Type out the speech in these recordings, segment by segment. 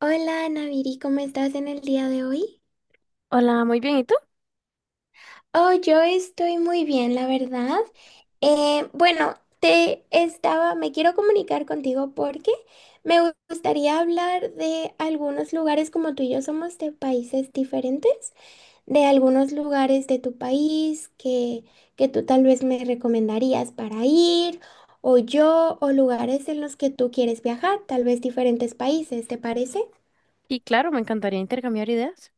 Hola, Naviri, ¿cómo estás en el día de hoy? Hola, muy bien. ¿Y tú? Oh, yo estoy muy bien, la verdad. Bueno, me quiero comunicar contigo porque gustaría hablar de algunos lugares, como tú y yo somos de países diferentes, de algunos lugares de tu país que tú tal vez me recomendarías para ir, o yo, o lugares en los que tú quieres viajar, tal vez diferentes países, ¿te parece? Y claro, me encantaría intercambiar ideas.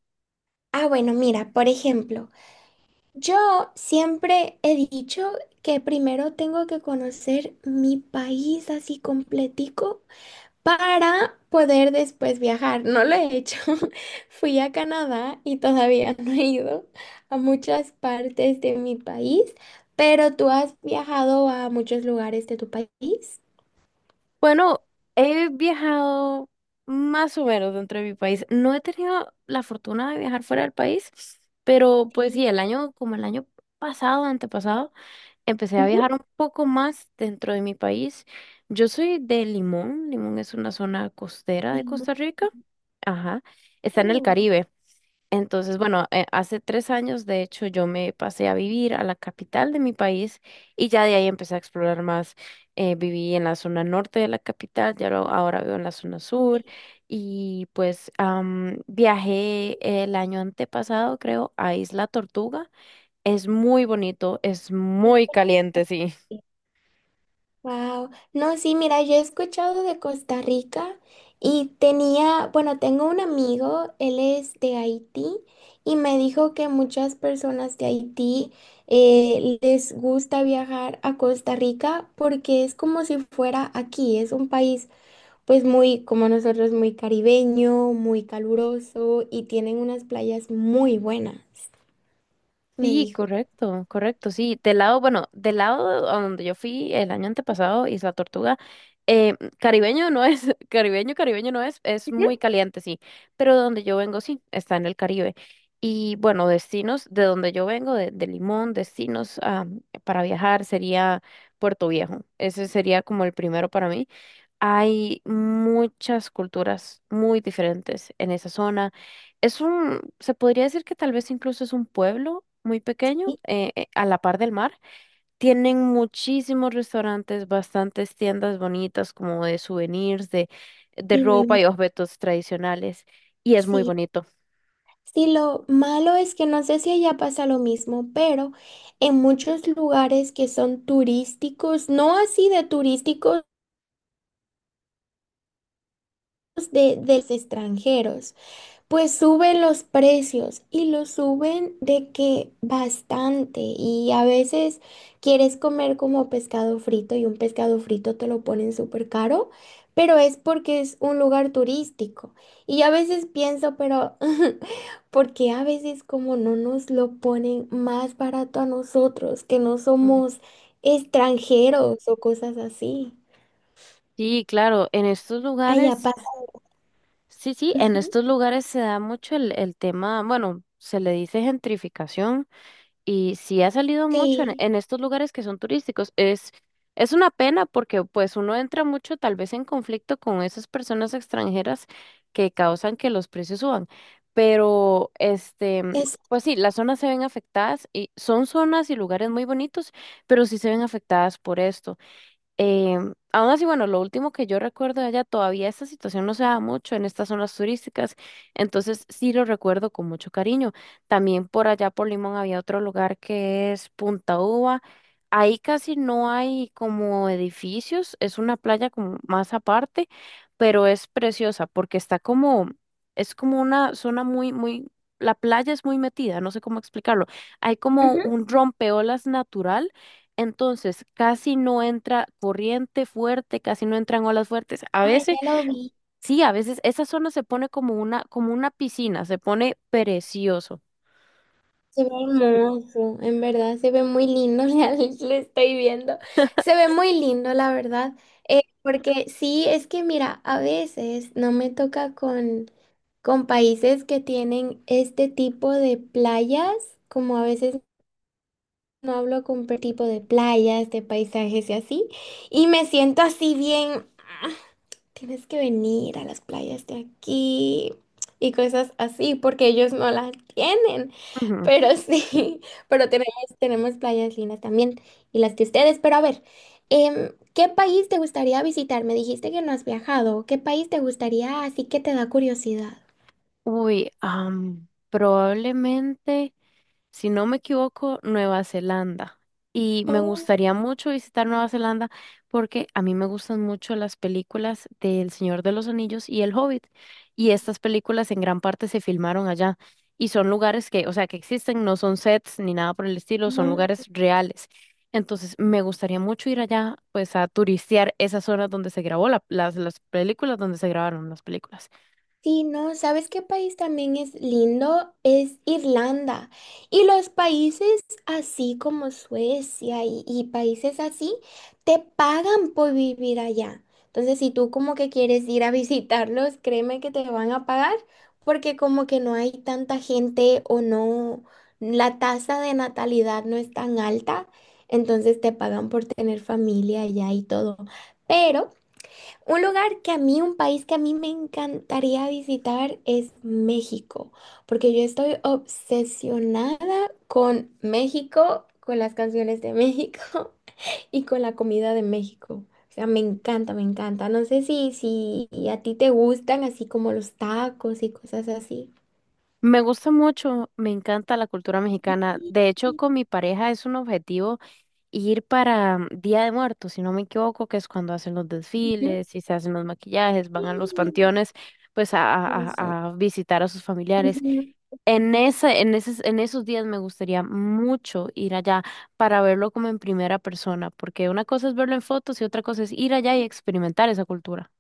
Ah, bueno, mira, por ejemplo. Yo siempre he dicho que primero tengo que conocer mi país así completico para poder después viajar. No lo he hecho. Fui a Canadá y todavía no he ido a muchas partes de mi país, pero tú has viajado a muchos lugares de tu país. Bueno, he viajado más o menos dentro de mi país. No he tenido la fortuna de viajar fuera del país, pero pues Sí. sí, como el año pasado, antepasado, empecé a Ujú. viajar un poco más dentro de mi país. Yo soy de Limón. Limón es una zona costera de Sí, Costa Rica. Ajá. Está en el mucho. Caribe. Entonces, bueno, hace 3 años, de hecho, yo me pasé a vivir a la capital de mi país y ya de ahí empecé a explorar más. Viví en la zona norte de la capital, ya ahora vivo en la zona sur y pues viajé el año antepasado, creo, a Isla Tortuga. Es muy bonito, es muy caliente, sí. Wow. No, sí, mira, yo he escuchado de Costa Rica y tenía, bueno, tengo un amigo, él es de Haití y me dijo que muchas personas de Haití les gusta viajar a Costa Rica porque es como si fuera aquí, es un país pues muy, como nosotros, muy caribeño, muy caluroso y tienen unas playas muy buenas, me Sí, dijo. correcto, correcto, sí. Bueno, del lado a donde yo fui el año antepasado, Isla Tortuga, caribeño no es, caribeño, caribeño no es, es muy Ujú. caliente, sí, pero de donde yo vengo, sí, está en el Caribe. Y bueno, destinos de donde yo vengo, de Limón, destinos ah, para viajar sería Puerto Viejo. Ese sería como el primero para mí. Hay muchas culturas muy diferentes en esa zona. Se podría decir que tal vez incluso es un pueblo muy pequeño, Y, a la par del mar. Tienen muchísimos restaurantes, bastantes tiendas bonitas como de souvenirs, de y ropa y objetos tradicionales. Y es muy sí. bonito. Sí, lo malo es que no sé si allá pasa lo mismo, pero en muchos lugares que son turísticos, no así de turísticos de los extranjeros. Pues suben los precios y los suben de que bastante y a veces quieres comer como pescado frito y un pescado frito te lo ponen súper caro, pero es porque es un lugar turístico. Y a veces pienso, pero porque a veces como no nos lo ponen más barato a nosotros, que no Mm. somos extranjeros o cosas así. Sí, claro, en estos Allá lugares, pasa. sí, sí, en Ujú. estos lugares se da mucho el tema, bueno, se le dice gentrificación y sí ha salido mucho en, Sí, en estos lugares que son turísticos. Es una pena porque pues uno entra mucho tal vez en conflicto con esas personas extranjeras que causan que los precios suban. Pero es... pues sí, las zonas se ven afectadas y son zonas y lugares muy bonitos, pero sí se ven afectadas por esto. Aún así, bueno, lo último que yo recuerdo de allá, todavía esta situación no se da mucho en estas zonas turísticas, entonces sí lo recuerdo con mucho cariño. También por allá por Limón había otro lugar que es Punta Uva. Ahí casi no hay como edificios, es una playa como más aparte, pero es preciosa porque está como, es como una zona muy, muy, la playa es muy metida, no sé cómo explicarlo. Hay como ujú. un rompeolas natural, entonces casi no entra corriente fuerte, casi no entran olas fuertes. A Ah, veces, ya lo vi. sí, a veces esa zona se pone como una piscina, se pone precioso. Se ve hermoso, en verdad, se ve muy lindo, ya lo estoy viendo. Se ve muy lindo, la verdad. Porque sí, es que mira, a veces no me toca con países que tienen este tipo de playas, como a veces no hablo con tipo de playas, de paisajes y así, y me siento así bien tienes que venir a las playas de aquí y cosas así, porque ellos no las tienen. Ujú. Pero sí, pero tenemos, tenemos playas lindas también y las de ustedes. Pero a ver, ¿qué país te gustaría visitar? Me dijiste que no has viajado. ¿Qué país te gustaría? Así que te da curiosidad. Uy, probablemente, si no me equivoco, Nueva Zelanda. Y me Oh, gustaría mucho visitar Nueva Zelanda porque a mí me gustan mucho las películas de El Señor de los Anillos y El Hobbit. Y estas películas en gran parte se filmaron allá. Y son lugares que, o sea, que existen, no son sets ni nada por el estilo, son no. lugares reales. Entonces, me gustaría mucho ir allá, pues, a turistear esas zonas donde se grabó las películas, donde se grabaron las películas. Sí, no, ¿sabes qué país también es lindo? Es Irlanda. Y los países así como Suecia y países así te pagan por vivir allá. Entonces, si tú como que quieres ir a visitarlos, créeme que te van a pagar porque como que no hay tanta gente o no, la tasa de natalidad no es tan alta, entonces te pagan por tener familia allá y todo. Pero... Un lugar que a mí, un país que a mí me encantaría visitar es México, porque yo estoy obsesionada con México, con las canciones de México y con la comida de México. O sea, me encanta, me encanta. No sé si a ti te gustan así como los tacos y cosas así. Me gusta mucho, me encanta la cultura mexicana. Sí. De hecho, con mi pareja es un objetivo ir para Día de Muertos, si no me equivoco, que es cuando hacen los Ujú. desfiles y se hacen los maquillajes, Sí, van a los panteones, pues a, a, incluso. a a visitar a sus familiares. En esos días me gustaría mucho ir allá para verlo como en primera persona, porque una cosa es verlo en fotos y otra cosa es ir allá y experimentar esa cultura.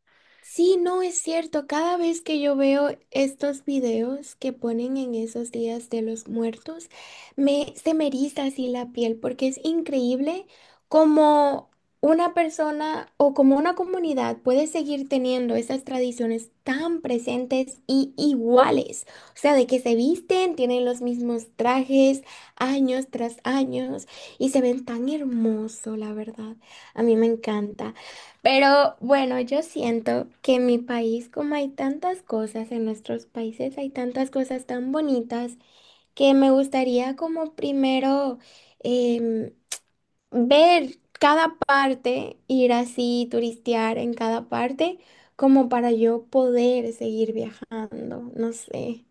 Sí, no es cierto. Cada vez que yo veo estos videos que ponen en esos días de los muertos, se me eriza así la piel porque es increíble cómo una persona o como una comunidad puede seguir teniendo esas tradiciones tan presentes y iguales. O sea, de que se visten, tienen los mismos trajes años tras años y se ven tan hermoso, la verdad. A mí me encanta. Pero bueno, yo siento que en mi país, como hay tantas cosas, en nuestros países hay tantas cosas tan bonitas que me gustaría como primero em, ver cada parte, ir así, turistear en cada parte, como para yo poder seguir viajando, no sé.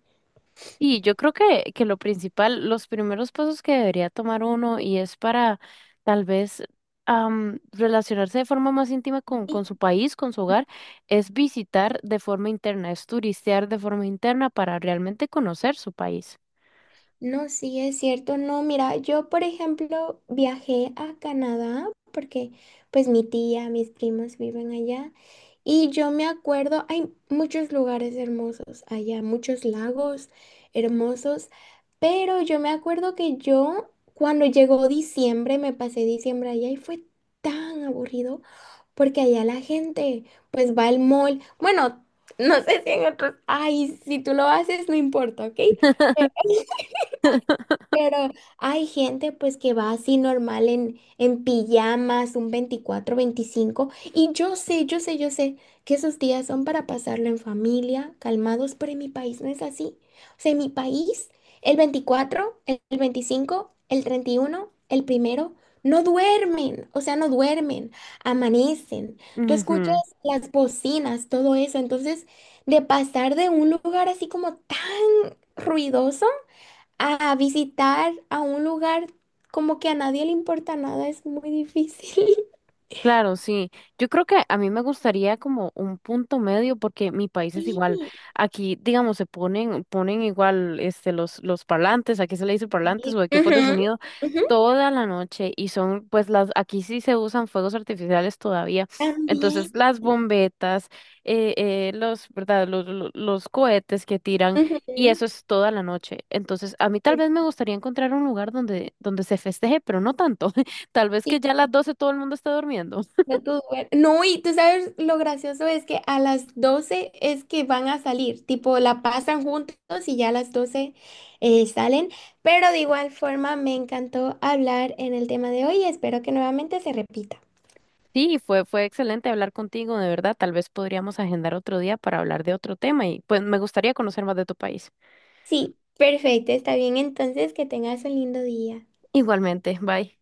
Y yo creo que lo principal, los primeros pasos que debería tomar uno y es para tal vez relacionarse de forma más íntima con su país, con su hogar, es visitar de forma interna, es turistear de forma interna para realmente conocer su país. No, sí, es cierto. No, mira, yo por ejemplo viajé a Canadá porque pues mi tía, mis primos viven allá y yo me acuerdo, hay muchos lugares hermosos allá, muchos lagos hermosos, pero yo me acuerdo que yo cuando llegó diciembre, me pasé diciembre allá y fue tan aburrido porque allá la gente pues va al mall. Bueno, no sé si en otros, ay, si tú lo haces, no importa, ¿ok? Pero hay gente pues que va así normal en pijamas, un 24, 25, y yo sé, yo sé, yo sé que esos días son para pasarlo en familia, calmados, pero en mi país no es así. O sea, en mi país, el 24, el 25, el 31, el primero, no duermen, o sea, no duermen, amanecen. Tú escuchas Ujú. las bocinas, todo eso, entonces de pasar de un lugar así como tan ruidoso. A visitar a un lugar como que a nadie le importa nada es muy difícil. Claro, sí. Yo creo que a mí me gustaría como un punto medio porque mi país es Sí. igual. Aquí, digamos, se ponen, ponen igual este los parlantes, aquí se le dice parlantes o equipos de Ujú, sonido ujú, toda la noche y son pues las aquí sí se usan fuegos artificiales todavía. también. Entonces, las bombetas, los, ¿verdad? Los cohetes que tiran y Ujú. eso es toda la noche. Entonces, a mí tal Sí, vez me gustaría encontrar un lugar donde donde se festeje, pero no tanto. Tal vez sí, que ya a las 12 todo el mundo esté durmiendo. No, y tú sabes lo gracioso es que a las 12 es que van a salir, tipo la pasan juntos y ya a las 12 salen, pero de igual forma me encantó hablar en el tema de hoy y espero que nuevamente se repita. Sí, fue excelente hablar contigo, de verdad. Tal vez podríamos agendar otro día para hablar de otro tema y pues me gustaría conocer más de tu país. Sí, perfecto, está bien entonces, que tengas un lindo día. Igualmente, bye.